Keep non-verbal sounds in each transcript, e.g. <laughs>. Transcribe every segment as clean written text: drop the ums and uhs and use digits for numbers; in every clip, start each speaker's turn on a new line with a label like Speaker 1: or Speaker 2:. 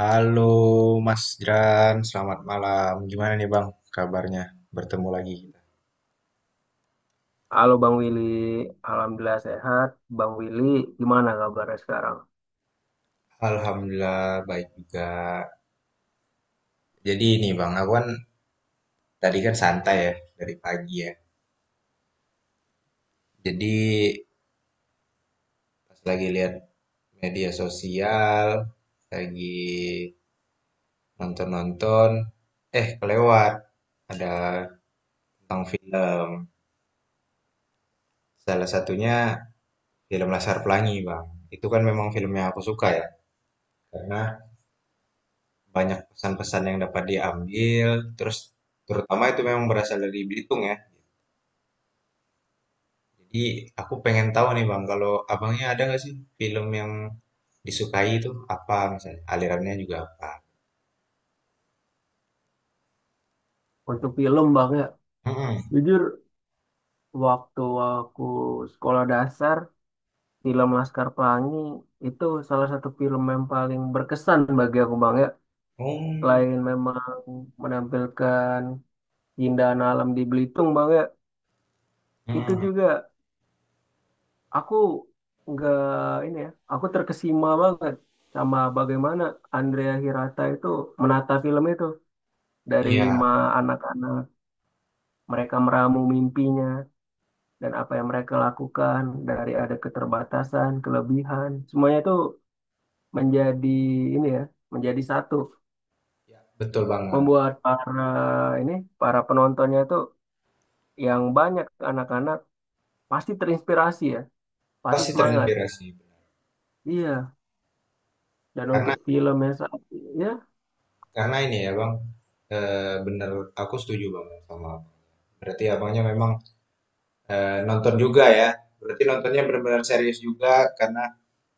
Speaker 1: Halo Mas Jeran, selamat malam. Gimana nih Bang kabarnya? Bertemu lagi kita.
Speaker 2: Halo Bang Willy, alhamdulillah sehat. Bang Willy, gimana kabarnya sekarang?
Speaker 1: Alhamdulillah baik juga. Jadi ini Bang, aku kan tadi kan santai ya dari pagi ya. Jadi pas lagi lihat media sosial, lagi nonton-nonton, eh kelewat ada tentang film. Salah satunya film Laskar Pelangi Bang. Itu kan memang film yang aku suka ya. Karena banyak pesan-pesan yang dapat diambil, terus terutama itu memang berasal dari Belitung ya. Jadi aku pengen tahu nih Bang, kalau abangnya ada nggak sih film yang disukai itu apa misalnya, alirannya juga apa?
Speaker 2: Untuk film Bang ya,
Speaker 1: hmm
Speaker 2: jujur waktu aku sekolah dasar, film Laskar Pelangi itu salah satu film yang paling berkesan bagi aku Bang ya.
Speaker 1: mm
Speaker 2: Selain memang menampilkan keindahan alam di Belitung Bang ya, itu
Speaker 1: Hmm,
Speaker 2: juga aku nggak ini ya, aku terkesima banget sama bagaimana Andrea Hirata itu menata film itu dari
Speaker 1: Iya,
Speaker 2: lima anak-anak. Mereka meramu mimpinya dan apa yang mereka lakukan dari ada keterbatasan, kelebihan, semuanya itu menjadi ini ya, menjadi satu,
Speaker 1: iya, betul banget.
Speaker 2: membuat para ini para penontonnya itu yang banyak anak-anak pasti terinspirasi ya, pasti
Speaker 1: Pasti
Speaker 2: semangat.
Speaker 1: terinspirasi. Benar.
Speaker 2: Iya, dan
Speaker 1: Karena
Speaker 2: untuk filmnya yang saat ini ya,
Speaker 1: ini ya Bang, bener aku setuju banget sama Abang. Berarti abangnya memang nonton juga ya. Berarti nontonnya benar-benar serius juga karena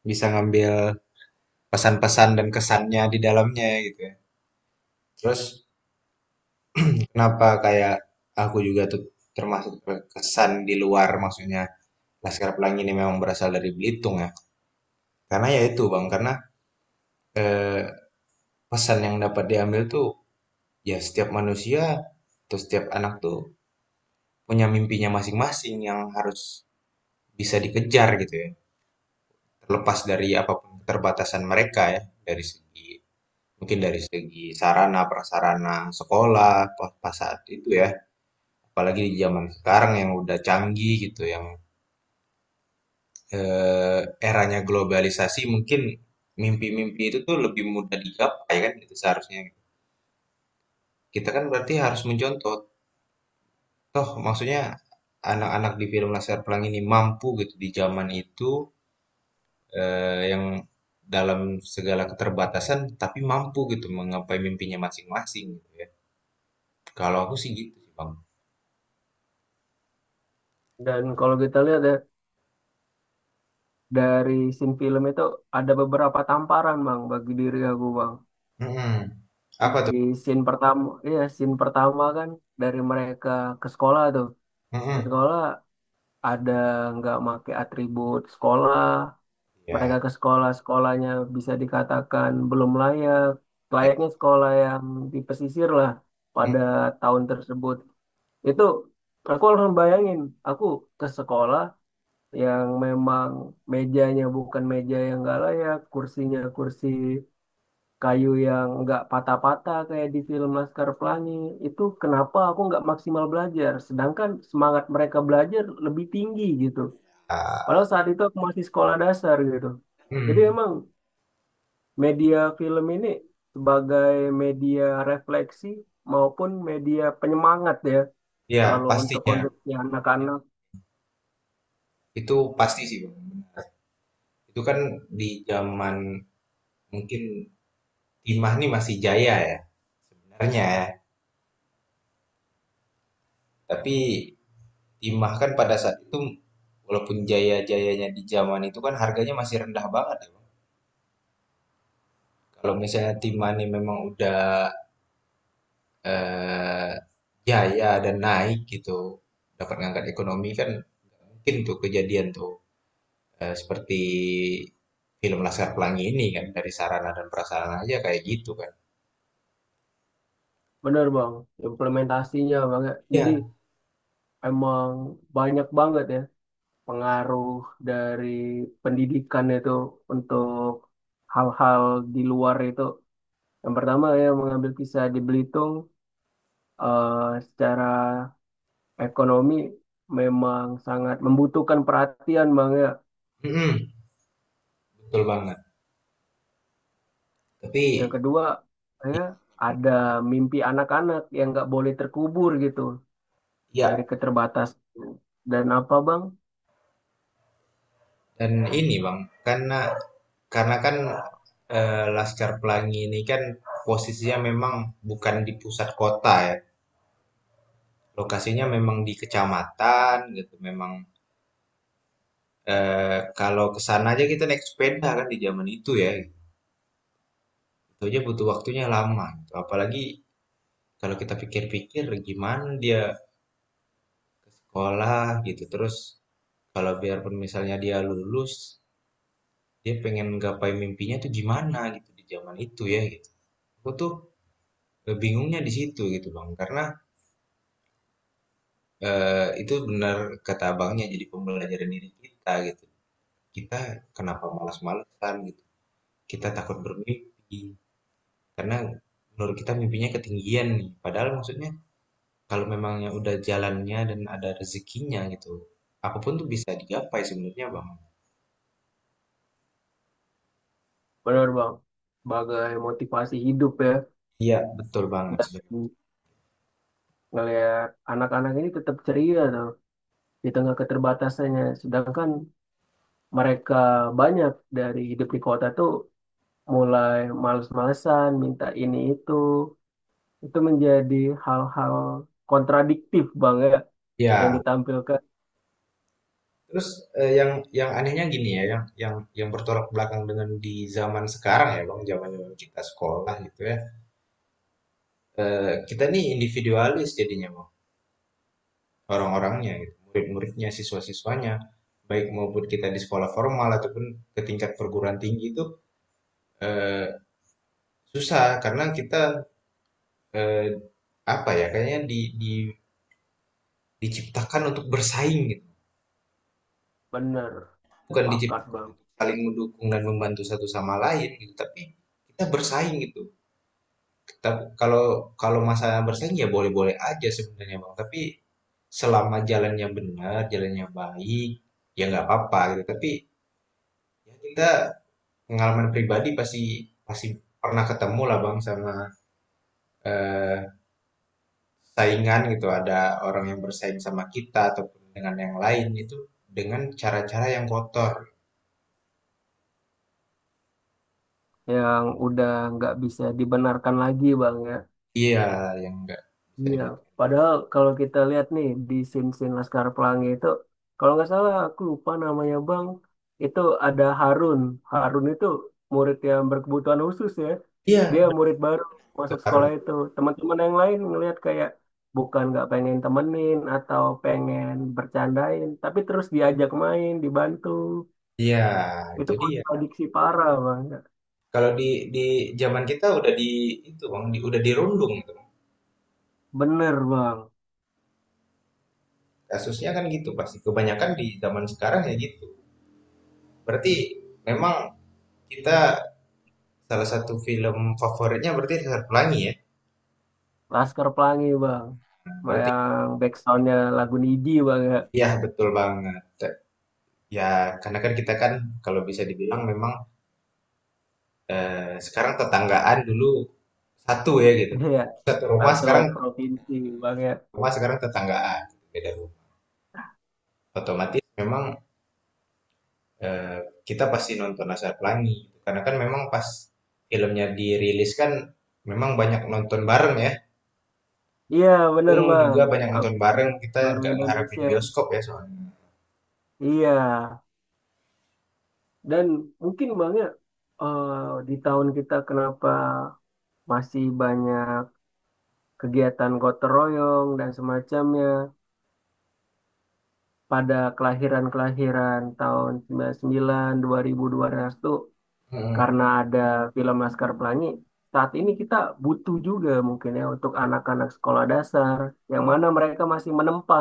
Speaker 1: bisa ngambil pesan-pesan dan kesannya di dalamnya gitu ya. Terus kenapa kayak aku juga tuh termasuk kesan di luar maksudnya Laskar Pelangi ini memang berasal dari Belitung ya. Karena ya itu Bang, karena eh, pesan yang dapat diambil tuh ya setiap manusia atau setiap anak tuh punya mimpinya masing-masing yang harus bisa dikejar gitu ya. Terlepas dari apapun keterbatasan mereka ya dari segi mungkin dari segi sarana prasarana sekolah pas pas saat itu ya. Apalagi di zaman sekarang yang udah canggih gitu, yang eh, eranya globalisasi mungkin mimpi-mimpi itu tuh lebih mudah digapai kan gitu seharusnya. Kita kan berarti harus mencontoh. Toh maksudnya anak-anak di film Laskar Pelangi ini mampu gitu di zaman itu, yang dalam segala keterbatasan tapi mampu gitu menggapai mimpinya masing-masing gitu ya. Kalau aku sih gitu sih, Bang.
Speaker 2: dan kalau kita lihat ya, dari scene film itu ada beberapa tamparan Bang bagi diri aku Bang.
Speaker 1: Mm-mm.
Speaker 2: Di
Speaker 1: Apa tuh?
Speaker 2: scene pertama, iya scene pertama kan dari mereka ke sekolah tuh, ke
Speaker 1: Mm-mm.
Speaker 2: sekolah ada nggak make atribut sekolah,
Speaker 1: Ya,
Speaker 2: mereka ke sekolah, sekolahnya bisa dikatakan belum layak
Speaker 1: ya.
Speaker 2: layaknya sekolah yang di pesisir lah
Speaker 1: Mm.
Speaker 2: pada tahun tersebut. Itu aku harus bayangin aku ke sekolah yang memang mejanya bukan meja yang nggak layak, kursinya kursi kayu yang nggak patah-patah kayak di film Laskar Pelangi. Itu kenapa aku nggak maksimal belajar sedangkan semangat mereka belajar lebih tinggi gitu,
Speaker 1: Ah,
Speaker 2: padahal saat itu aku masih sekolah dasar gitu. Jadi
Speaker 1: mm.
Speaker 2: emang media film ini sebagai media refleksi maupun media penyemangat ya,
Speaker 1: Ya,
Speaker 2: kalau untuk
Speaker 1: pastinya.
Speaker 2: konsumsi anak-anak.
Speaker 1: Itu pasti sih Bang. Itu kan di zaman mungkin timah nih masih jaya ya sebenarnya ya. Tapi timah kan pada saat itu walaupun jaya-jayanya di zaman itu kan harganya masih rendah banget ya Bang. Kalau misalnya timah nih memang udah eh, jaya dan naik gitu dapat ngangkat ekonomi kan nggak mungkin tuh kejadian tuh. Eh, seperti film Laskar Pelangi ini kan dari sarana dan prasarana aja kayak gitu kan.
Speaker 2: Bener Bang, implementasinya banget. Jadi
Speaker 1: Iya.
Speaker 2: emang banyak banget ya pengaruh dari pendidikan itu untuk hal-hal di luar itu. Yang pertama ya mengambil kisah di Belitung, eh, secara ekonomi memang sangat membutuhkan perhatian Bang ya.
Speaker 1: Mm-mm. Betul banget. Tapi
Speaker 2: Yang kedua ya ada mimpi anak-anak yang nggak boleh terkubur gitu,
Speaker 1: ya,
Speaker 2: dari keterbatasan. Dan apa Bang?
Speaker 1: dan ini Bang, karena karena Laskar Pelangi ini kan posisinya memang bukan di pusat kota ya. Lokasinya memang di kecamatan gitu. Memang kalau ke sana aja kita naik sepeda kan di zaman itu ya. Itu aja butuh waktunya lama gitu. Apalagi kalau kita pikir-pikir gimana dia ke sekolah gitu. Terus kalau biarpun misalnya dia lulus, dia pengen gapai mimpinya tuh gimana gitu di zaman itu ya gitu. Aku tuh bingungnya di situ gitu Bang, karena itu benar kata Abangnya jadi pembelajaran diri kita gitu. Kita kenapa malas-malesan gitu. Kita takut bermimpi karena menurut kita mimpinya ketinggian nih. Padahal maksudnya kalau memangnya udah jalannya dan ada rezekinya gitu, apapun tuh bisa digapai sebenarnya Bang.
Speaker 2: Benar Bang. Sebagai motivasi hidup ya.
Speaker 1: Iya, betul banget.
Speaker 2: Dan
Speaker 1: Sebenarnya.
Speaker 2: ngelihat anak-anak ini tetap ceria tuh, di tengah keterbatasannya. Sedangkan mereka banyak dari hidup di kota tuh mulai males-malesan, minta ini itu. Itu menjadi hal-hal kontradiktif Bang ya, yang
Speaker 1: Ya,
Speaker 2: ditampilkan.
Speaker 1: terus yang anehnya gini ya, yang yang bertolak belakang dengan di zaman sekarang ya, Bang, zaman kita sekolah gitu ya. Eh, kita nih individualis jadinya, Bang. Orang-orangnya gitu, murid-muridnya, siswa-siswanya, baik maupun kita di sekolah formal ataupun ke tingkat perguruan tinggi itu eh, susah karena kita eh, apa ya, kayaknya di diciptakan untuk bersaing gitu.
Speaker 2: Benar,
Speaker 1: Bukan diciptakan
Speaker 2: pakat Bang.
Speaker 1: saling mendukung dan membantu satu sama lain gitu, tapi kita bersaing gitu. Tapi kalau kalau masalah bersaing ya boleh-boleh aja sebenarnya Bang. Tapi selama jalannya benar, jalannya baik, ya nggak apa-apa gitu. Tapi ya kita pengalaman pribadi pasti pasti pernah ketemu lah Bang sama eh, saingan gitu. Ada orang yang bersaing sama kita ataupun dengan yang lain itu dengan cara-cara yang kotor.
Speaker 2: Yang udah nggak bisa dibenarkan lagi Bang ya.
Speaker 1: Iya, yang nggak bisa
Speaker 2: Iya,
Speaker 1: dibilang.
Speaker 2: padahal kalau kita lihat nih di scene-scene Laskar Pelangi itu, kalau nggak salah aku lupa namanya Bang, itu ada Harun. Harun itu murid yang berkebutuhan khusus ya. Dia
Speaker 1: Iya,
Speaker 2: murid baru
Speaker 1: itu
Speaker 2: masuk
Speaker 1: harus.
Speaker 2: sekolah itu. Teman-teman yang lain ngelihat kayak bukan nggak pengen temenin atau pengen bercandain, tapi terus diajak main, dibantu.
Speaker 1: Iya, itu
Speaker 2: Itu
Speaker 1: dia.
Speaker 2: kontradiksi parah Bang.
Speaker 1: Kalau di di zaman kita udah itu Bang, di, udah dirundung.
Speaker 2: Bener Bang,
Speaker 1: Kasusnya kan gitu pasti. Kebanyakan di zaman sekarang ya gitu. Berarti memang kita salah satu film favoritnya berarti Sesar Pelangi ya.
Speaker 2: Laskar Pelangi Bang.
Speaker 1: Berarti
Speaker 2: Yang backsoundnya lagu Nidi Bang ya.
Speaker 1: iya betul banget. Ya karena kan kita kan kalau bisa dibilang memang sekarang tetanggaan dulu satu ya gitu.
Speaker 2: <laughs> Iya.
Speaker 1: Satu rumah
Speaker 2: Satu
Speaker 1: sekarang
Speaker 2: provinsi, Bang ya.
Speaker 1: tetanggaan beda rumah. Otomatis memang eh, kita pasti nonton Sesar Pelangi karena kan memang pas filmnya dirilis kan memang banyak nonton bareng ya.
Speaker 2: Iya, bener
Speaker 1: Untung juga
Speaker 2: Bang.
Speaker 1: banyak nonton bareng,
Speaker 2: Update
Speaker 1: kita
Speaker 2: seluruh
Speaker 1: nggak ngeharapin
Speaker 2: Indonesia.
Speaker 1: bioskop ya soalnya.
Speaker 2: Iya. Dan mungkin Bang ya, di tahun kita kenapa masih banyak kegiatan gotong royong dan semacamnya pada kelahiran-kelahiran tahun 99, 2002 2012 tuh
Speaker 1: Mm,
Speaker 2: karena ada film Laskar Pelangi. Saat ini kita butuh juga mungkin ya untuk anak-anak sekolah dasar yang mana mereka masih menempa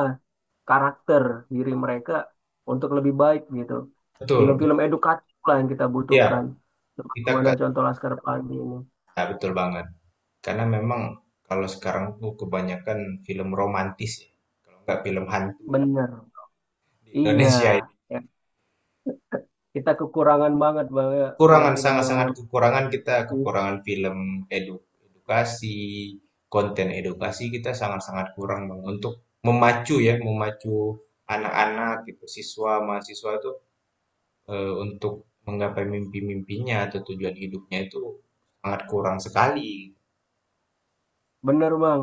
Speaker 2: karakter diri mereka untuk lebih baik gitu.
Speaker 1: betul, betul.
Speaker 2: Film-film edukatif lah yang kita
Speaker 1: Iya,
Speaker 2: butuhkan.
Speaker 1: kita ke,
Speaker 2: Bagaimana contoh Laskar Pelangi ini.
Speaker 1: nah, betul banget. Karena memang kalau sekarang tuh kebanyakan film romantis ya, kalau nggak film hantu ya,
Speaker 2: Bener.
Speaker 1: di
Speaker 2: Iya.
Speaker 1: Indonesia ini.
Speaker 2: Ya, kita kekurangan banget Bang ya,
Speaker 1: Kekurangan,
Speaker 2: film-film yang
Speaker 1: sangat-sangat kekurangan kita,
Speaker 2: mengedukasi.
Speaker 1: kekurangan film edukasi, konten edukasi kita sangat-sangat kurang Bang. Untuk memacu ya, memacu anak-anak gitu, siswa, mahasiswa itu untuk menggapai mimpi-mimpinya atau tujuan hidupnya itu sangat kurang sekali.
Speaker 2: Bener Bang.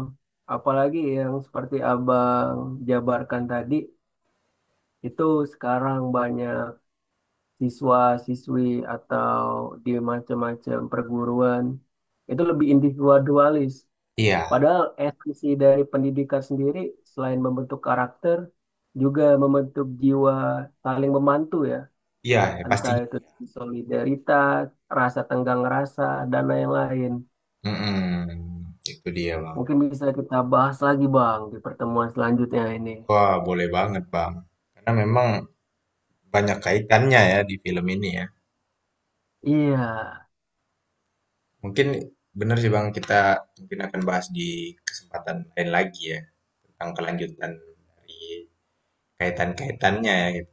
Speaker 2: Apalagi yang seperti abang jabarkan tadi, itu sekarang banyak siswa-siswi atau di macam-macam perguruan itu lebih individualis.
Speaker 1: Iya,
Speaker 2: Padahal esensi dari pendidikan sendiri selain membentuk karakter juga membentuk jiwa saling membantu ya,
Speaker 1: iya ya
Speaker 2: entah
Speaker 1: pastinya.
Speaker 2: itu solidaritas, rasa tenggang rasa, dan lain-lain.
Speaker 1: Mm-mm, itu dia bang.
Speaker 2: Mungkin bisa kita bahas lagi Bang di pertemuan selanjutnya ini.
Speaker 1: Wah boleh banget bang. Karena memang banyak kaitannya ya di film ini ya.
Speaker 2: Iya,
Speaker 1: Mungkin benar sih bang kita mungkin akan bahas di kesempatan lain lagi ya tentang kelanjutan dari kaitan-kaitannya ya. Gitu.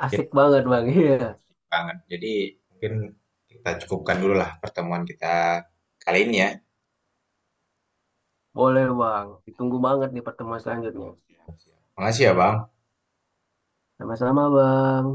Speaker 1: Mungkin
Speaker 2: asik banget Bang. <laughs> Iya,
Speaker 1: asik banget. Jadi mungkin kita cukupkan dulu lah pertemuan kita kali ini ya.
Speaker 2: boleh Bang. Ditunggu banget di pertemuan selanjutnya.
Speaker 1: Makasih ya Bang.
Speaker 2: Sama-sama Bang.